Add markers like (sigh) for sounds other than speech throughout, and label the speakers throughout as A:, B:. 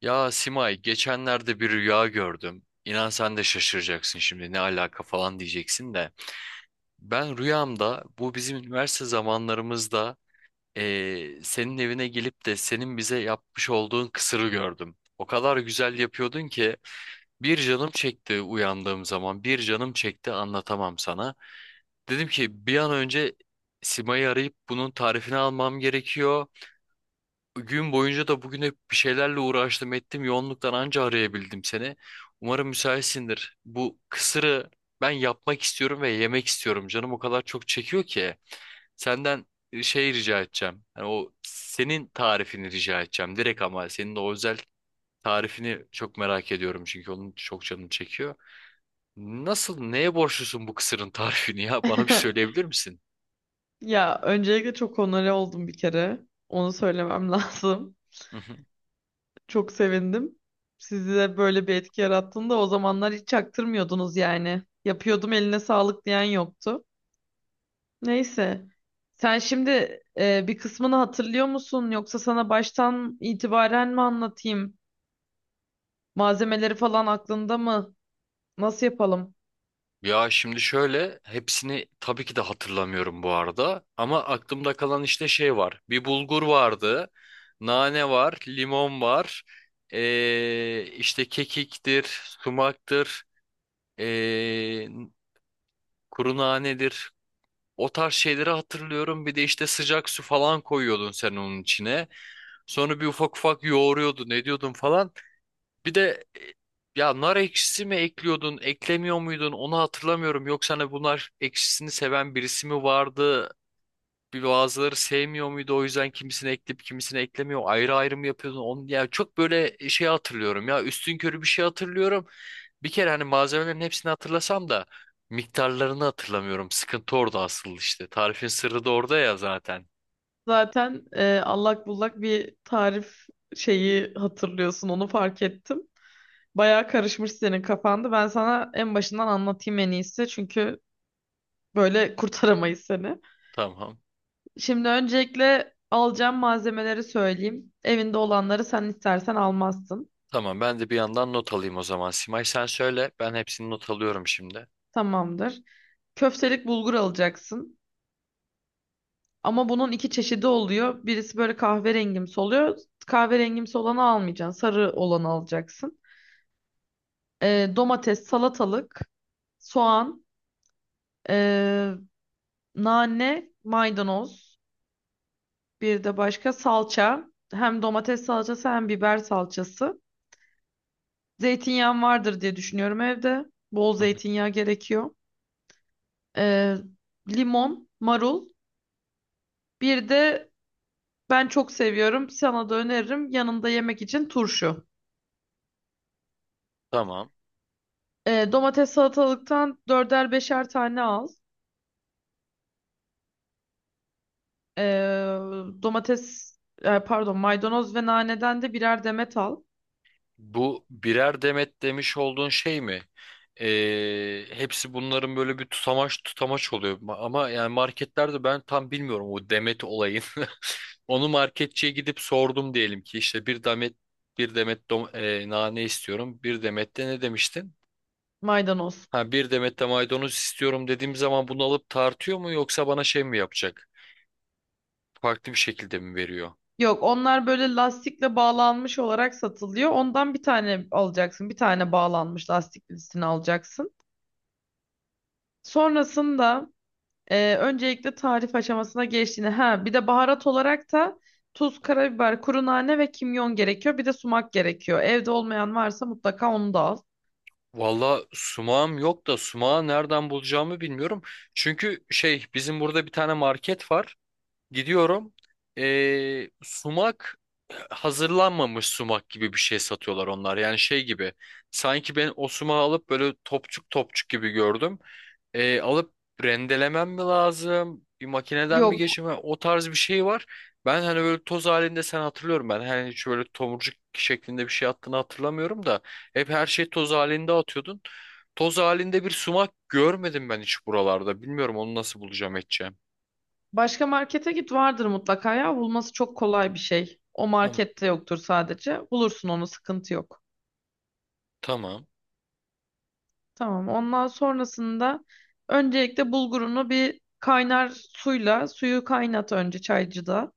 A: Ya Simay, geçenlerde bir rüya gördüm. İnan sen de şaşıracaksın şimdi ne alaka falan diyeceksin de. Ben rüyamda bu bizim üniversite zamanlarımızda senin evine gelip de senin bize yapmış olduğun kısırı gördüm. O kadar güzel yapıyordun ki bir canım çekti uyandığım zaman bir canım çekti anlatamam sana. Dedim ki bir an önce Simay'ı arayıp bunun tarifini almam gerekiyor. Gün boyunca da bugün hep bir şeylerle uğraştım ettim. Yoğunluktan anca arayabildim seni. Umarım müsaitsindir. Bu kısırı ben yapmak istiyorum ve yemek istiyorum. Canım o kadar çok çekiyor ki. Senden şey rica edeceğim. Yani o senin tarifini rica edeceğim. Direkt ama senin de o özel tarifini çok merak ediyorum. Çünkü onun çok canım çekiyor. Nasıl, neye borçlusun bu kısırın tarifini ya? (laughs) Bana bir söyleyebilir
B: (laughs)
A: misin?
B: Ya öncelikle çok onore oldum bir kere. Onu söylemem (laughs) lazım.
A: (laughs)
B: Çok sevindim. Sizi de böyle bir etki yarattığında o zamanlar hiç çaktırmıyordunuz yani. Yapıyordum eline sağlık diyen yoktu. Neyse. Sen şimdi bir kısmını hatırlıyor musun? Yoksa sana baştan itibaren mi anlatayım? Malzemeleri falan aklında mı? Nasıl yapalım?
A: Ya şimdi şöyle hepsini tabii ki de hatırlamıyorum bu arada ama aklımda kalan işte şey var. Bir bulgur vardı, nane var, limon var, işte kekiktir, sumaktır, ee, kuru nanedir. O tarz şeyleri hatırlıyorum. Bir de işte sıcak su falan koyuyordun sen onun içine. Sonra bir ufak ufak yoğuruyordun, ne diyordun falan. Bir de ya nar ekşisi mi ekliyordun, eklemiyor muydun onu hatırlamıyorum. Yoksa hani bunlar ekşisini seven birisi mi vardı? Bir bazıları sevmiyor muydu o yüzden kimisini ekleyip kimisini eklemiyor. Ayrı ayrı mı yapıyordun? Onu, yani çok böyle şey hatırlıyorum ya üstünkörü bir şey hatırlıyorum. Bir kere hani malzemelerin hepsini hatırlasam da miktarlarını hatırlamıyorum. Sıkıntı orada asıl işte. Tarifin sırrı da orada ya zaten.
B: Zaten allak bullak bir tarif şeyi hatırlıyorsun. Onu fark ettim. Bayağı karışmış senin kafanda. Ben sana en başından anlatayım en iyisi. Çünkü böyle kurtaramayız seni.
A: Tamam.
B: Şimdi öncelikle alacağım malzemeleri söyleyeyim. Evinde olanları sen istersen almazsın.
A: Tamam ben de bir yandan not alayım o zaman. Simay sen söyle ben hepsini not alıyorum şimdi.
B: Tamamdır. Köftelik bulgur alacaksın. Ama bunun iki çeşidi oluyor. Birisi böyle kahverengimsi oluyor. Kahverengimsi olanı almayacaksın. Sarı olanı alacaksın. Domates, salatalık, soğan, ee, nane, maydanoz. Bir de başka salça. Hem domates salçası hem biber salçası. Zeytinyağım vardır diye düşünüyorum evde. Bol
A: Hı hı.
B: zeytinyağı gerekiyor. Ee, Limon, marul. Bir de ben çok seviyorum. Sana da öneririm. Yanında yemek için turşu.
A: Tamam.
B: Domates salatalıktan dörder beşer tane al. Ee, Domates, pardon maydanoz ve naneden de birer demet al.
A: Bu birer demet demiş olduğun şey mi? Hepsi bunların böyle bir tutamaç tutamaç oluyor. Ama yani marketlerde ben tam bilmiyorum o demet olayın. (laughs) Onu marketçiye gidip sordum diyelim ki işte bir demet nane istiyorum. Bir demet de ne demiştin?
B: Maydanoz.
A: Ha bir demet de maydanoz istiyorum dediğim zaman bunu alıp tartıyor mu yoksa bana şey mi yapacak? Farklı bir şekilde mi veriyor?
B: Yok onlar böyle lastikle bağlanmış olarak satılıyor. Ondan bir tane alacaksın. Bir tane bağlanmış lastik birisini alacaksın. Sonrasında öncelikle tarif aşamasına geçtiğini. Ha bir de baharat olarak da tuz, karabiber, kuru nane ve kimyon gerekiyor. Bir de sumak gerekiyor. Evde olmayan varsa mutlaka onu da al.
A: Valla sumağım yok da sumağı nereden bulacağımı bilmiyorum. Çünkü şey bizim burada bir tane market var. Gidiyorum. Sumak hazırlanmamış sumak gibi bir şey satıyorlar onlar. Yani şey gibi. Sanki ben o sumağı alıp böyle topçuk topçuk gibi gördüm. Alıp rendelemem mi lazım? Bir makineden mi
B: Yok
A: geçirmem? O tarz bir şey var. Ben hani böyle toz halinde sen hatırlıyorum ben. Hani hiç böyle tomurcuk şeklinde bir şey attığını hatırlamıyorum da. Hep her şey toz halinde atıyordun. Toz halinde bir sumak görmedim ben hiç buralarda. Bilmiyorum onu nasıl bulacağım edeceğim.
B: başka markete git vardır mutlaka ya. Bulması çok kolay bir şey. O
A: Tamam.
B: markette yoktur sadece. Bulursun onu sıkıntı yok.
A: Tamam.
B: Tamam. Ondan sonrasında öncelikle bulgurunu bir kaynar suyla suyu kaynat önce çaycıda.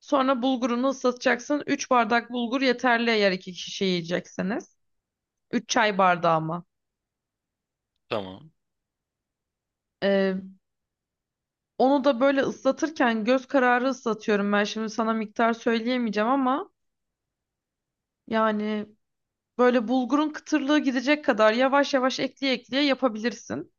B: Sonra bulgurunu ıslatacaksın. 3 bardak bulgur yeterli eğer 2 kişi yiyecekseniz. 3 çay bardağı ama.
A: Tamam.
B: Ee, Onu da böyle ıslatırken göz kararı ıslatıyorum ben. Şimdi sana miktar söyleyemeyeceğim ama yani böyle bulgurun kıtırlığı gidecek kadar yavaş yavaş ekleye ekleye yapabilirsin.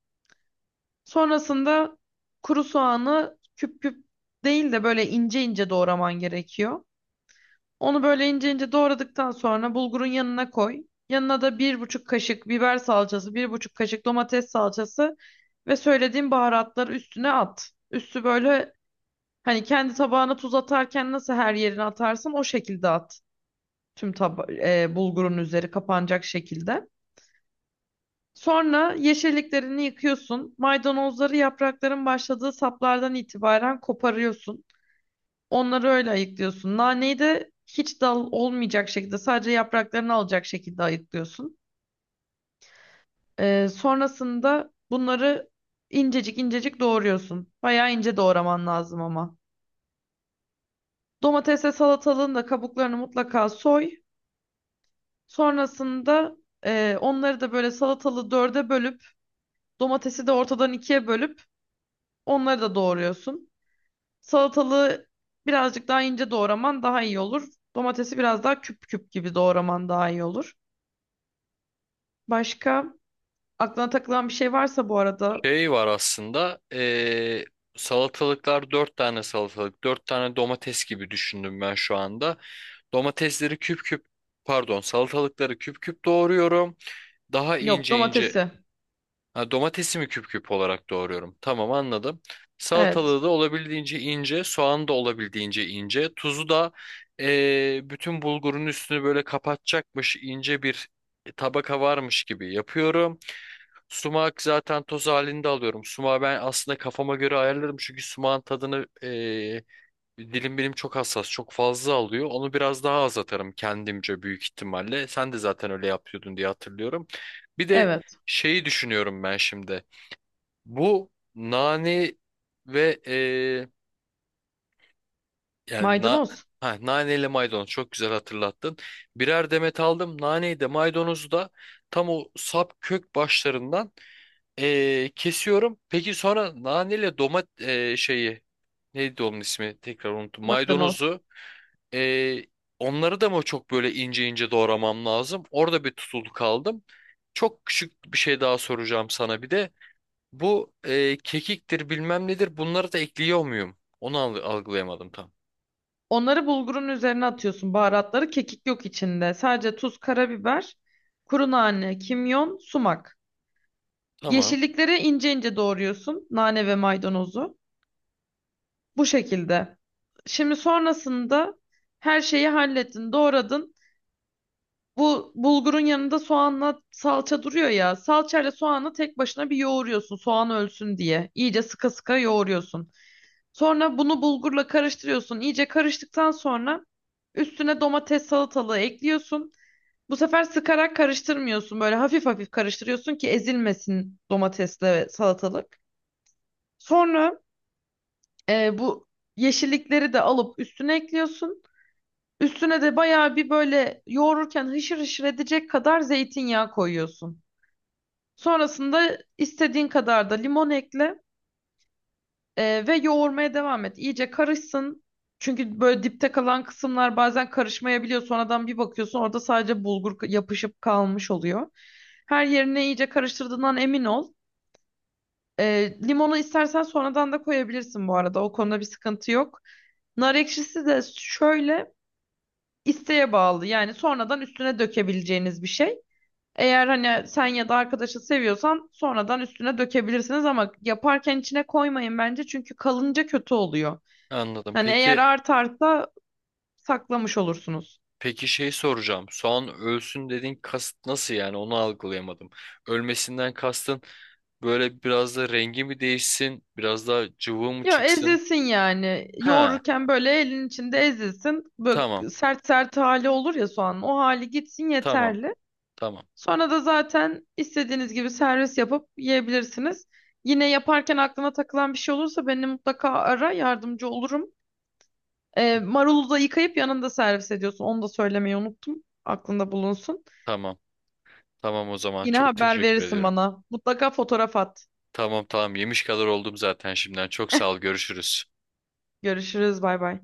B: Sonrasında kuru soğanı küp küp değil de böyle ince ince doğraman gerekiyor. Onu böyle ince ince doğradıktan sonra bulgurun yanına koy. Yanına da 1,5 kaşık biber salçası, 1,5 kaşık domates salçası ve söylediğim baharatları üstüne at. Üstü böyle hani kendi tabağına tuz atarken nasıl her yerine atarsın o şekilde at. Tüm bulgurun üzeri kapanacak şekilde. Sonra yeşilliklerini yıkıyorsun. Maydanozları yaprakların başladığı saplardan itibaren koparıyorsun. Onları öyle ayıklıyorsun. Naneyi de hiç dal olmayacak şekilde sadece yapraklarını alacak şekilde ayıklıyorsun. Sonrasında bunları incecik incecik doğruyorsun. Bayağı ince doğraman lazım ama. Domatesle salatalığın da kabuklarını mutlaka soy. Sonrasında onları da böyle salatalığı dörde bölüp domatesi de ortadan ikiye bölüp onları da doğruyorsun. Salatalığı birazcık daha ince doğraman daha iyi olur. Domatesi biraz daha küp küp gibi doğraman daha iyi olur. Başka aklına takılan bir şey varsa bu arada.
A: Şey var aslında. Salatalıklar dört tane salatalık. Dört tane domates gibi düşündüm ben şu anda. Domatesleri küp küp Pardon salatalıkları küp küp doğruyorum. Daha
B: Yok,
A: ince ince
B: domatesi.
A: ha, domatesimi küp küp olarak doğruyorum. Tamam anladım.
B: Evet.
A: Salatalığı da olabildiğince ince, soğanı da olabildiğince ince, tuzu da bütün bulgurun üstünü böyle kapatacakmış ince bir tabaka varmış gibi yapıyorum. Sumak zaten toz halinde alıyorum. Sumağı ben aslında kafama göre ayarlarım çünkü sumağın tadını dilim benim çok hassas, çok fazla alıyor. Onu biraz daha az atarım kendimce büyük ihtimalle. Sen de zaten öyle yapıyordun diye hatırlıyorum. Bir de
B: Evet.
A: şeyi düşünüyorum ben şimdi. Bu nane ve e, yani na,
B: Maydanoz.
A: ha, nane ile maydanoz çok güzel hatırlattın. Birer demet aldım. Naneyi de maydanozu da tam o sap kök başlarından kesiyorum. Peki sonra nane ile şeyi neydi onun ismi? Tekrar unuttum.
B: Maydanoz.
A: Maydanozu ee, Onları da mı çok böyle ince ince doğramam lazım? Orada bir tutuldu kaldım. Çok küçük bir şey daha soracağım sana bir de. Bu kekiktir bilmem nedir bunları da ekliyor muyum? Onu algılayamadım tam.
B: Onları bulgurun üzerine atıyorsun. Baharatları kekik yok içinde. Sadece tuz, karabiber, kuru nane, kimyon, sumak.
A: Tamam
B: Yeşillikleri ince ince doğruyorsun. Nane ve maydanozu. Bu şekilde. Şimdi sonrasında her şeyi hallettin, doğradın. Bu bulgurun yanında soğanla salça duruyor ya. Salçayla soğanı tek başına bir yoğuruyorsun soğan ölsün diye. İyice sıka sıka yoğuruyorsun. Sonra bunu bulgurla karıştırıyorsun. İyice karıştıktan sonra üstüne domates salatalığı ekliyorsun. Bu sefer sıkarak karıştırmıyorsun. Böyle hafif hafif karıştırıyorsun ki ezilmesin domatesle ve salatalık. Sonra bu yeşillikleri de alıp üstüne ekliyorsun. Üstüne de bayağı bir böyle yoğururken hışır hışır edecek kadar zeytinyağı koyuyorsun. Sonrasında istediğin kadar da limon ekle ve yoğurmaya devam et. İyice karışsın. Çünkü böyle dipte kalan kısımlar bazen karışmayabiliyor. Sonradan bir bakıyorsun orada sadece bulgur yapışıp kalmış oluyor. Her yerine iyice karıştırdığından emin ol. Limonu istersen sonradan da koyabilirsin bu arada. O konuda bir sıkıntı yok. Nar ekşisi de şöyle isteğe bağlı. Yani sonradan üstüne dökebileceğiniz bir şey. Eğer hani sen ya da arkadaşı seviyorsan sonradan üstüne dökebilirsiniz ama yaparken içine koymayın bence çünkü kalınca kötü oluyor.
A: anladım.
B: Hani eğer
A: Peki
B: artarsa saklamış olursunuz.
A: peki şey soracağım. Soğan ölsün dediğin kasıt nasıl yani onu algılayamadım. Ölmesinden kastın böyle biraz da rengi mi değişsin? Biraz daha cıvı mı
B: Ya
A: çıksın?
B: ezilsin yani.
A: Ha
B: Yoğururken böyle elin içinde ezilsin.
A: tamam
B: Böyle sert sert hali olur ya soğanın. O hali gitsin
A: tamam
B: yeterli.
A: tamam
B: Sonra da zaten istediğiniz gibi servis yapıp yiyebilirsiniz. Yine yaparken aklına takılan bir şey olursa beni mutlaka ara yardımcı olurum. Marulu da yıkayıp yanında servis ediyorsun. Onu da söylemeyi unuttum. Aklında bulunsun.
A: tamam. Tamam o zaman.
B: Yine
A: Çok
B: haber
A: teşekkür
B: verirsin
A: ediyorum.
B: bana. Mutlaka fotoğraf at.
A: Tamam tamam yemiş kadar oldum zaten şimdiden. Çok sağ ol. Görüşürüz.
B: Görüşürüz. Bay bay.